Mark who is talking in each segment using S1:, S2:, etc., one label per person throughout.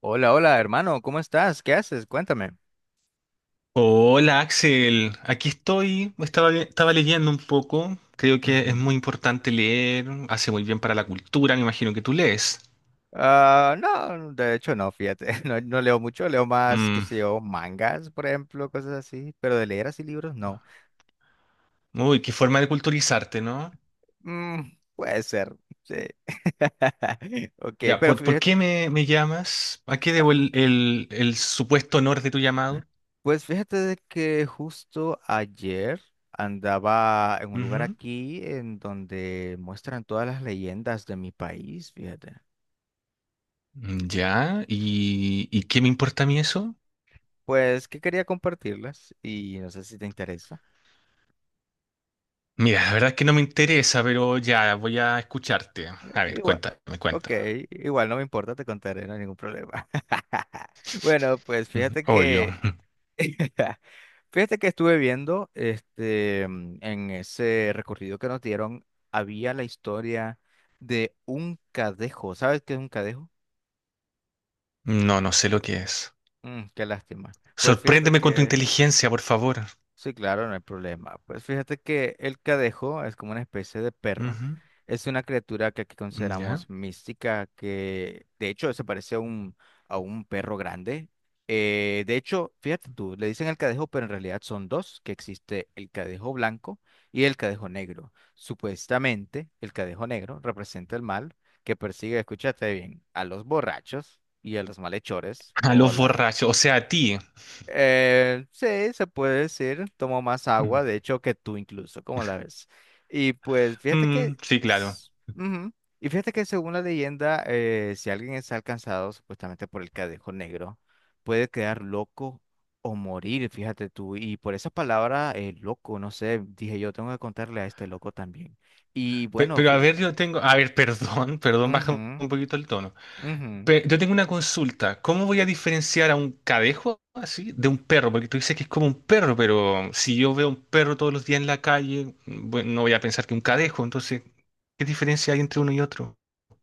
S1: Hola, hola, hermano, ¿cómo estás? ¿Qué haces? Cuéntame.
S2: Hola Axel, aquí estoy, estaba leyendo un poco. Creo que es
S1: Ujú.
S2: muy importante leer, hace muy bien para la cultura. Me imagino que tú lees.
S1: Ah, no, de hecho no, fíjate, no, no leo mucho, leo más, qué
S2: Mm.
S1: sé yo, mangas, por ejemplo, cosas así, pero de leer así libros, no.
S2: Uy, qué forma de culturizarte, ¿no?
S1: Mm, puede ser, sí. Ok,
S2: Ya,
S1: pero
S2: por
S1: fíjate,
S2: qué me llamas? ¿A qué
S1: ah,
S2: debo el supuesto honor de tu llamado?
S1: pues fíjate de que justo ayer andaba en un lugar
S2: Ujú.
S1: aquí en donde muestran todas las leyendas de mi país, fíjate.
S2: Mm, ya, y qué me importa a mí eso?
S1: Pues que quería compartirlas y no sé si te interesa.
S2: Mira, la verdad es que no me interesa, pero ya, voy a escucharte. A ver,
S1: Igual.
S2: cuéntame,
S1: Ok,
S2: cuéntame.
S1: igual no me importa, te contaré, no hay ningún problema. Bueno, pues
S2: Ujú.
S1: fíjate
S2: Oh, yo,
S1: que fíjate que estuve viendo este en ese recorrido que nos dieron, había la historia de un cadejo. ¿Sabes qué es un cadejo?
S2: no sé lo que es.
S1: Mm, qué lástima. Pues fíjate
S2: Sorpréndeme con tu
S1: que
S2: inteligencia, por favor.
S1: sí, claro, no hay problema. Pues fíjate que el cadejo es como una especie de perro.
S2: Ujú.
S1: Es una criatura que aquí
S2: ¿Ya?
S1: consideramos mística, que de hecho se parece a un perro grande. De hecho, fíjate tú, le dicen el cadejo, pero en realidad son dos, que existe el cadejo blanco y el cadejo negro. Supuestamente, el cadejo negro representa el mal que persigue, escúchate bien, a los borrachos y a los malhechores
S2: A
S1: o
S2: los borrachos, o sea, a ti.
S1: sí, se puede decir, tomo más
S2: Mm.
S1: agua, de hecho, que tú incluso, ¿cómo la ves? Y pues fíjate que,
S2: Mm, sí, claro.
S1: s- ujú. Y fíjate que según la leyenda, si alguien es alcanzado supuestamente por el cadejo negro, puede quedar loco o morir, fíjate tú. Y por esa palabra, loco, no sé, dije yo tengo que contarle a este loco también. Y bueno,
S2: Pero a ver, yo tengo… A ver, perdón, perdón, baja
S1: ujú,
S2: un poquito el tono.
S1: ujú.
S2: Yo tengo una consulta. ¿Cómo voy a diferenciar a un cadejo así de un perro? Porque tú dices que es como un perro, pero si yo veo un perro todos los días en la calle, bueno, no voy a pensar que un cadejo. Entonces, ¿qué diferencia hay entre uno y otro?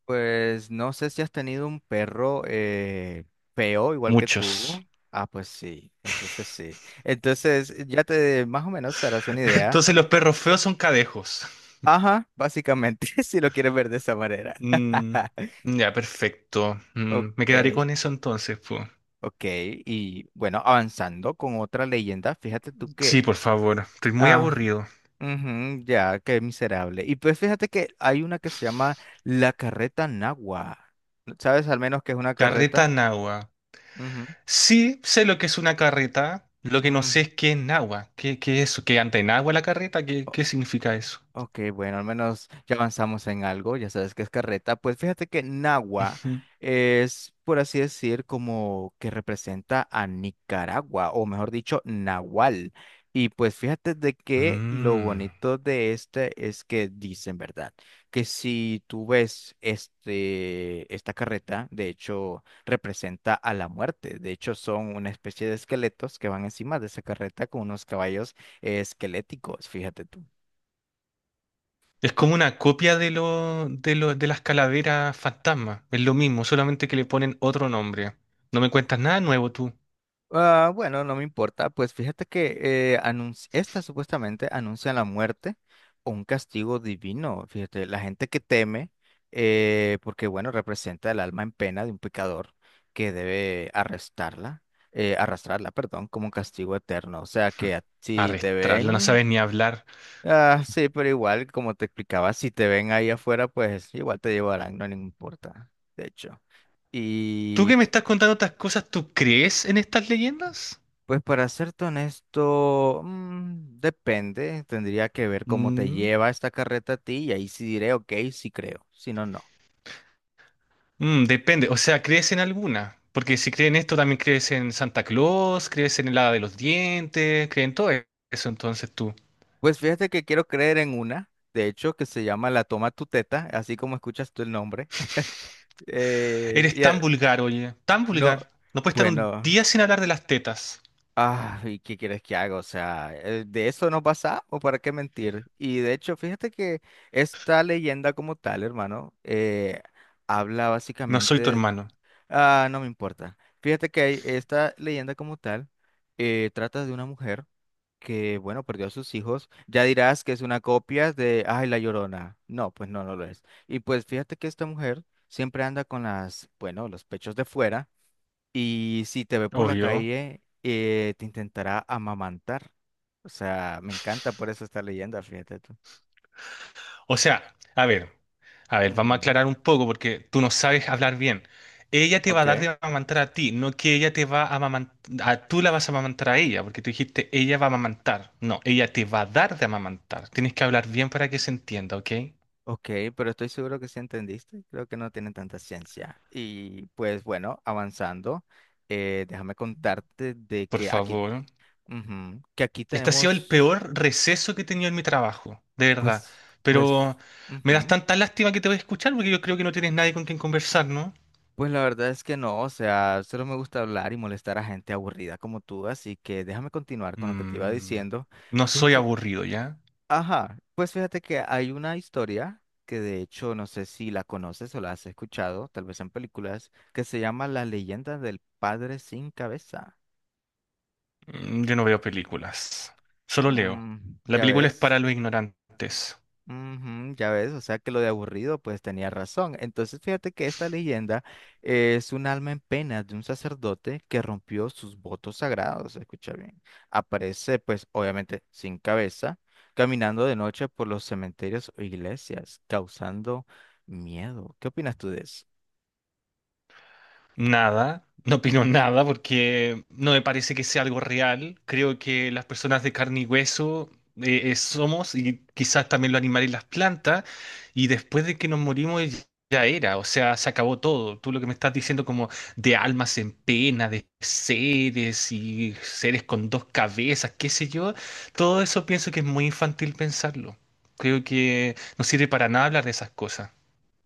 S1: Pues no sé si has tenido un perro feo igual que
S2: Muchos.
S1: tú. Ah, pues sí. Entonces ya te más o menos harás una idea.
S2: Entonces los perros feos son cadejos.
S1: Ajá, básicamente, si lo quieres ver de esa manera.
S2: Mm, ya, perfecto. Mm, me
S1: Ok,
S2: quedaré con eso entonces, pues.
S1: ok. Y bueno, avanzando con otra leyenda, fíjate tú que...
S2: Sí, por favor. Estoy muy
S1: Ah,
S2: aburrido.
S1: ujú, ya, qué miserable. Y pues fíjate que hay una que se llama la carreta nagua. ¿Sabes al menos que es una
S2: Carreta
S1: carreta?
S2: Nahua.
S1: Ujú,
S2: Sí, sé lo que es una carreta. Lo que no
S1: mm.
S2: sé es qué es Nahua. Qué es eso? ¿Qué anda en agua la carreta? Qué significa eso?
S1: Ok, bueno, al menos ya avanzamos en algo, ya sabes que es carreta. Pues fíjate que Nagua
S2: Ujú.
S1: es, por así decir, como que representa a Nicaragua, o mejor dicho, Nahual. Y pues fíjate de que lo
S2: Mm.
S1: bonito de este es que dicen, ¿verdad? Que si tú ves esta carreta, de hecho, representa a la muerte. De hecho, son una especie de esqueletos que van encima de esa carreta con unos caballos esqueléticos, fíjate tú.
S2: Es como una copia de las calaveras fantasma. Es lo mismo, solamente que le ponen otro nombre. No me cuentas nada nuevo tú.
S1: Ah, bueno, no me importa. Pues fíjate que esta supuestamente anuncia la muerte o un castigo divino. Fíjate, la gente que teme, porque bueno, representa el alma en pena de un pecador que debe arrastrarla, perdón, como un castigo eterno. O sea
S2: Hm.
S1: que si te
S2: Arrastrarla. No
S1: ven,
S2: sabes ni hablar.
S1: sí, pero igual, como te explicaba, si te ven ahí afuera, pues igual te llevarán, no le importa, de hecho.
S2: ¿Tú
S1: Y
S2: que me estás contando estas cosas, tú crees en estas leyendas?
S1: pues para serte honesto, mm, depende, tendría que ver cómo te
S2: Mm,
S1: lleva esta carreta a ti y ahí sí diré, ok, sí creo, si no, no.
S2: mm, depende, o sea, ¿crees en alguna? Porque si crees en esto, también crees en Santa Claus, crees en el hada de los dientes, crees en todo eso, entonces tú.
S1: Pues fíjate que quiero creer en una, de hecho, que se llama La Toma tu Teta, así como escuchas tú el nombre. Eh,
S2: Eres
S1: y, eh,
S2: tan vulgar, oye, tan
S1: no,
S2: vulgar. No puedes estar un
S1: bueno,
S2: día sin hablar de las tetas.
S1: ¿y qué quieres que haga? O sea, de eso nos pasamos, ¿para qué mentir? Y de hecho, fíjate que esta leyenda como tal, hermano, habla
S2: No soy tu
S1: básicamente.
S2: hermano,
S1: Ah, no me importa. Fíjate que esta leyenda como tal trata de una mujer que, bueno, perdió a sus hijos. Ya dirás que es una copia de, ay, La Llorona. No, pues no, no lo es. Y pues fíjate que esta mujer siempre anda con las, bueno, los pechos de fuera y si te ve por la
S2: obvio.
S1: calle, te intentará amamantar. O sea, me encanta por eso esta leyenda, fíjate tú.
S2: O sea, a ver. A ver, vamos a
S1: Ujú.
S2: aclarar un poco porque tú no sabes hablar bien. Ella te va a dar
S1: Ok.
S2: de amamantar a ti, no que ella te va a amamantar, tú la vas a amamantar a ella, porque tú dijiste ella va a amamantar. No, ella te va a dar de amamantar. Tienes que hablar bien para que se entienda, ¿ok?
S1: Ok, pero estoy seguro que sí entendiste. Creo que no tiene tanta ciencia. Y pues bueno, avanzando, déjame contarte de
S2: Por
S1: que aquí,
S2: favor.
S1: ujú, que aquí
S2: Este ha sido el
S1: tenemos,
S2: peor receso que he tenido en mi trabajo, de verdad.
S1: pues, pues,
S2: Pero me das
S1: ujú,
S2: tanta lástima que te voy a escuchar porque yo creo que no tienes nadie con quien conversar, ¿no?
S1: pues la verdad es que no, o sea, solo me gusta hablar y molestar a gente aburrida como tú, así que déjame continuar con lo que te iba
S2: Mm,
S1: diciendo.
S2: no soy
S1: Fíjate.
S2: aburrido, ya.
S1: Ajá, pues fíjate que hay una historia que de hecho no sé si la conoces o la has escuchado, tal vez en películas, que se llama Las leyendas del padre sin cabeza.
S2: Mm, yo no veo películas, solo leo.
S1: Mm,
S2: La
S1: ya
S2: película es
S1: ves.
S2: para los ignorantes.
S1: Ujú, ya ves, o sea que lo de aburrido pues tenía razón. Entonces fíjate que esta leyenda es un alma en pena de un sacerdote que rompió sus votos sagrados, escucha bien. Aparece pues obviamente sin cabeza, caminando de noche por los cementerios o iglesias, causando miedo. ¿Qué opinas tú de eso?
S2: Nada, no opino nada porque no me parece que sea algo real. Creo que las personas de carne y hueso somos, y quizás también los animales y las plantas. Y después de que nos morimos ya era, o sea, se acabó todo. Tú lo que me estás diciendo, como de almas en pena, de seres y seres con dos cabezas, qué sé yo, todo eso pienso que es muy infantil pensarlo. Creo que no sirve para nada hablar de esas cosas.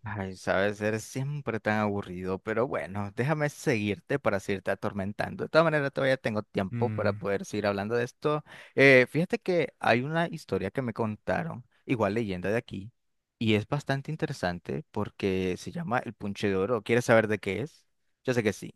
S1: Ay, sabes, eres siempre tan aburrido, pero bueno, déjame seguirte para seguirte atormentando. De todas maneras, todavía tengo tiempo para
S2: Mm,
S1: poder seguir hablando de esto. Fíjate que hay una historia que me contaron, igual leyenda de aquí, y es bastante interesante porque se llama El Punche de Oro. ¿Quieres saber de qué es? Yo sé que sí.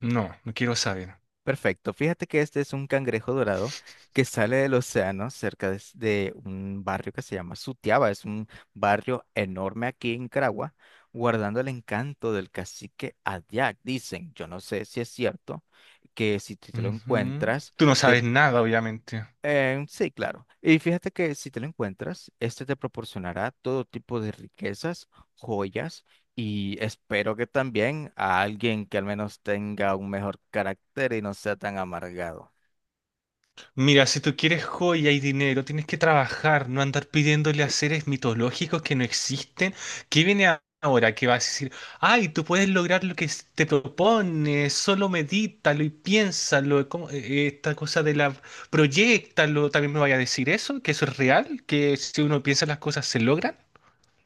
S2: no, no quiero saber.
S1: Perfecto. Fíjate que este es un cangrejo dorado que sale del océano cerca de, de un barrio que se llama Sutiaba. Es un barrio enorme aquí en Caragua, guardando el encanto del cacique Adiac. Dicen, yo no sé si es cierto, que si tú te lo
S2: Ujú.
S1: encuentras,
S2: Tú no
S1: te
S2: sabes nada, obviamente.
S1: sí, claro. Y fíjate que si te lo encuentras, este te proporcionará todo tipo de riquezas, joyas y espero que también a alguien que al menos tenga un mejor carácter y no sea tan amargado.
S2: Mira, si tú quieres joya y dinero, tienes que trabajar, no andar pidiéndole a seres mitológicos que no existen. ¿Qué viene ahora? Que vas a decir, ay, tú puedes lograr lo que te propones, solo medítalo y piénsalo. ¿Cómo? Esta cosa de la… Proyéctalo, también me vaya a decir eso, que eso es real, que si uno piensa las cosas se logran.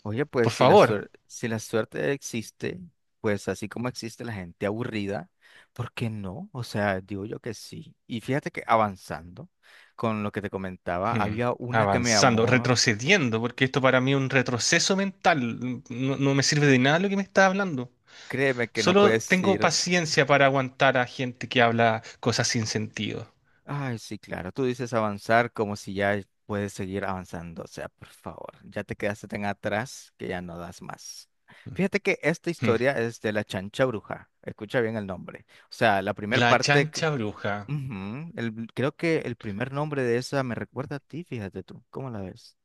S1: Oye, pues
S2: Por favor.
S1: si la suerte existe, pues así como existe la gente aburrida, ¿por qué no? O sea, digo yo que sí. Y fíjate que avanzando con lo que te comentaba,
S2: Hmm,
S1: había una que me
S2: avanzando,
S1: llamó,
S2: retrocediendo, porque esto para mí es un retroceso mental. No, no me sirve de nada lo que me está hablando.
S1: créeme que no
S2: Solo
S1: puedes
S2: tengo
S1: ir.
S2: paciencia para aguantar a gente que habla cosas sin sentido.
S1: Ay, sí, claro, tú dices avanzar como si ya puedes seguir avanzando, o sea, por favor, ya te quedaste tan atrás que ya no das más. Fíjate que esta
S2: Hmm.
S1: historia es de la chancha bruja, escucha bien el nombre. O sea, la primera
S2: La
S1: parte, que...
S2: chancha bruja.
S1: Ujú, creo que el primer nombre de esa me recuerda a ti, fíjate tú, ¿cómo la ves?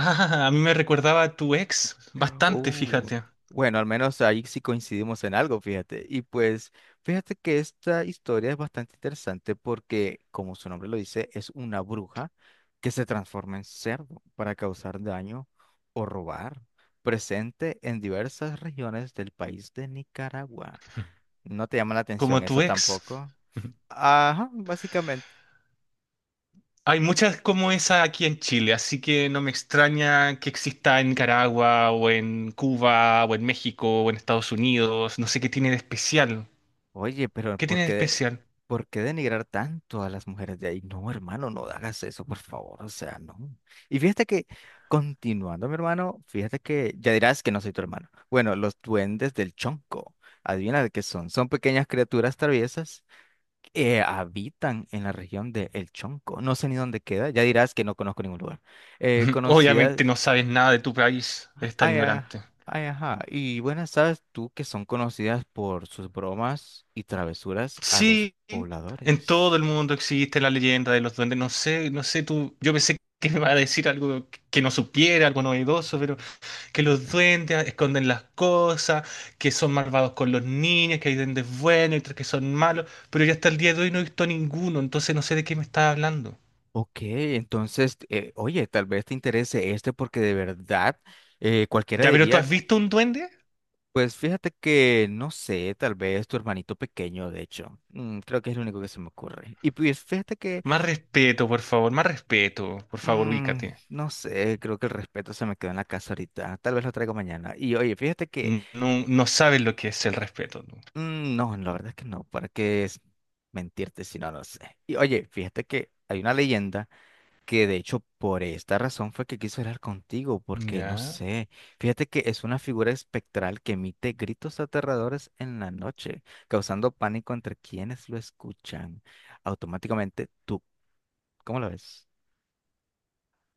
S2: Ah, a mí me recordaba a tu ex, bastante,
S1: Uh,
S2: fíjate,
S1: bueno, al menos ahí sí coincidimos en algo, fíjate. Y pues, fíjate que esta historia es bastante interesante porque, como su nombre lo dice, es una bruja que se transforma en cerdo para causar daño o robar, presente en diversas regiones del país de Nicaragua. ¿No te llama la atención
S2: como tu
S1: eso
S2: ex.
S1: tampoco? Ajá, básicamente.
S2: Hay muchas como esa aquí en Chile, así que no me extraña que exista en Nicaragua o en Cuba o en México o en Estados Unidos. No sé qué tiene de especial.
S1: Oye, pero
S2: ¿Qué tiene de especial?
S1: ¿por qué denigrar tanto a las mujeres de ahí? No, hermano, no hagas eso, por favor, o sea, no. Y fíjate que, continuando, mi hermano, fíjate que ya dirás que no soy tu hermano. Bueno, los duendes del Chonco, adivina de qué son. Son pequeñas criaturas traviesas que habitan en la región de El Chonco. No sé ni dónde queda, ya dirás que no conozco ningún lugar.
S2: Obviamente no
S1: Conocidas
S2: sabes nada de tu país, eres tan
S1: ay,
S2: ignorante.
S1: ay, ajá. Y buenas, sabes tú que son conocidas por sus bromas y travesuras a los
S2: Sí, en todo el
S1: pobladores.
S2: mundo existe la leyenda de los duendes. No sé, no sé tú. Yo pensé que me iba a decir algo que no supiera, algo novedoso, pero que los duendes esconden las cosas, que son malvados con los niños, que hay duendes buenos y otros que son malos. Pero yo hasta el día de hoy no he visto ninguno, entonces no sé de qué me estás hablando.
S1: Ok, entonces, oye, tal vez te interese este porque de verdad cualquiera
S2: Ya, pero ¿tú
S1: diría,
S2: has visto un duende?
S1: pues fíjate que, no sé, tal vez tu hermanito pequeño, de hecho, mm, creo que es lo único que se me ocurre. Y pues fíjate que,
S2: Más respeto, por favor, más respeto. Por favor,
S1: mm,
S2: ubícate.
S1: no sé, creo que el respeto se me quedó en la casa ahorita, tal vez lo traigo mañana. Y oye, fíjate que...
S2: No, no sabes lo que es el respeto, ¿no?
S1: Mm, no, la verdad es que no, ¿para qué es mentirte si no lo sé? Y oye, fíjate que hay una leyenda que de hecho por esta razón fue que quiso hablar contigo, porque no
S2: ¿Ya?
S1: sé, fíjate que es una figura espectral que emite gritos aterradores en la noche, causando pánico entre quienes lo escuchan. Automáticamente tú, ¿cómo lo ves?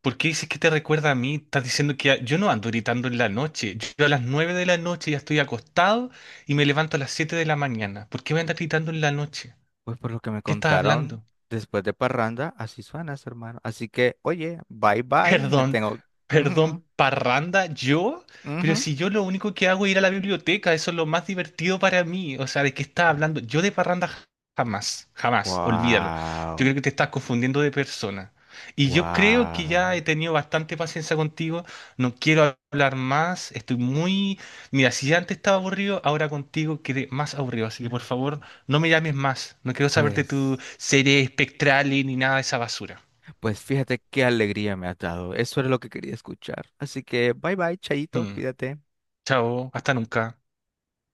S2: ¿Por qué dices que te recuerda a mí? Estás diciendo que yo no ando gritando en la noche. Yo a las 9 de la noche ya estoy acostado y me levanto a las 7 de la mañana. ¿Por qué me andas gritando en la noche?
S1: Pues por lo que me
S2: ¿Qué estás
S1: contaron
S2: hablando?
S1: después de Parranda, así suenas, hermano. Así que, oye, bye bye, me
S2: Perdón,
S1: tengo... Ujú,
S2: perdón, parranda, ¿yo? Pero
S1: ujú.
S2: si yo lo único que hago es ir a la biblioteca, eso es lo más divertido para mí. O sea, ¿de qué estás hablando? Yo de parranda jamás, jamás, olvídalo. Yo creo
S1: Wow.
S2: que te estás confundiendo de persona. Y yo creo que ya
S1: Wow.
S2: he tenido bastante paciencia contigo, no quiero hablar más, estoy muy… Mira, si ya antes estaba aburrido, ahora contigo quedé más aburrido, así que por favor, no me llames más, no quiero saber de tu
S1: Pues,
S2: serie espectral ni nada de esa basura.
S1: pues fíjate qué alegría me ha dado. Eso era lo que quería escuchar. Así que bye bye, Chayito,
S2: Mm.
S1: cuídate.
S2: Chao, hasta nunca.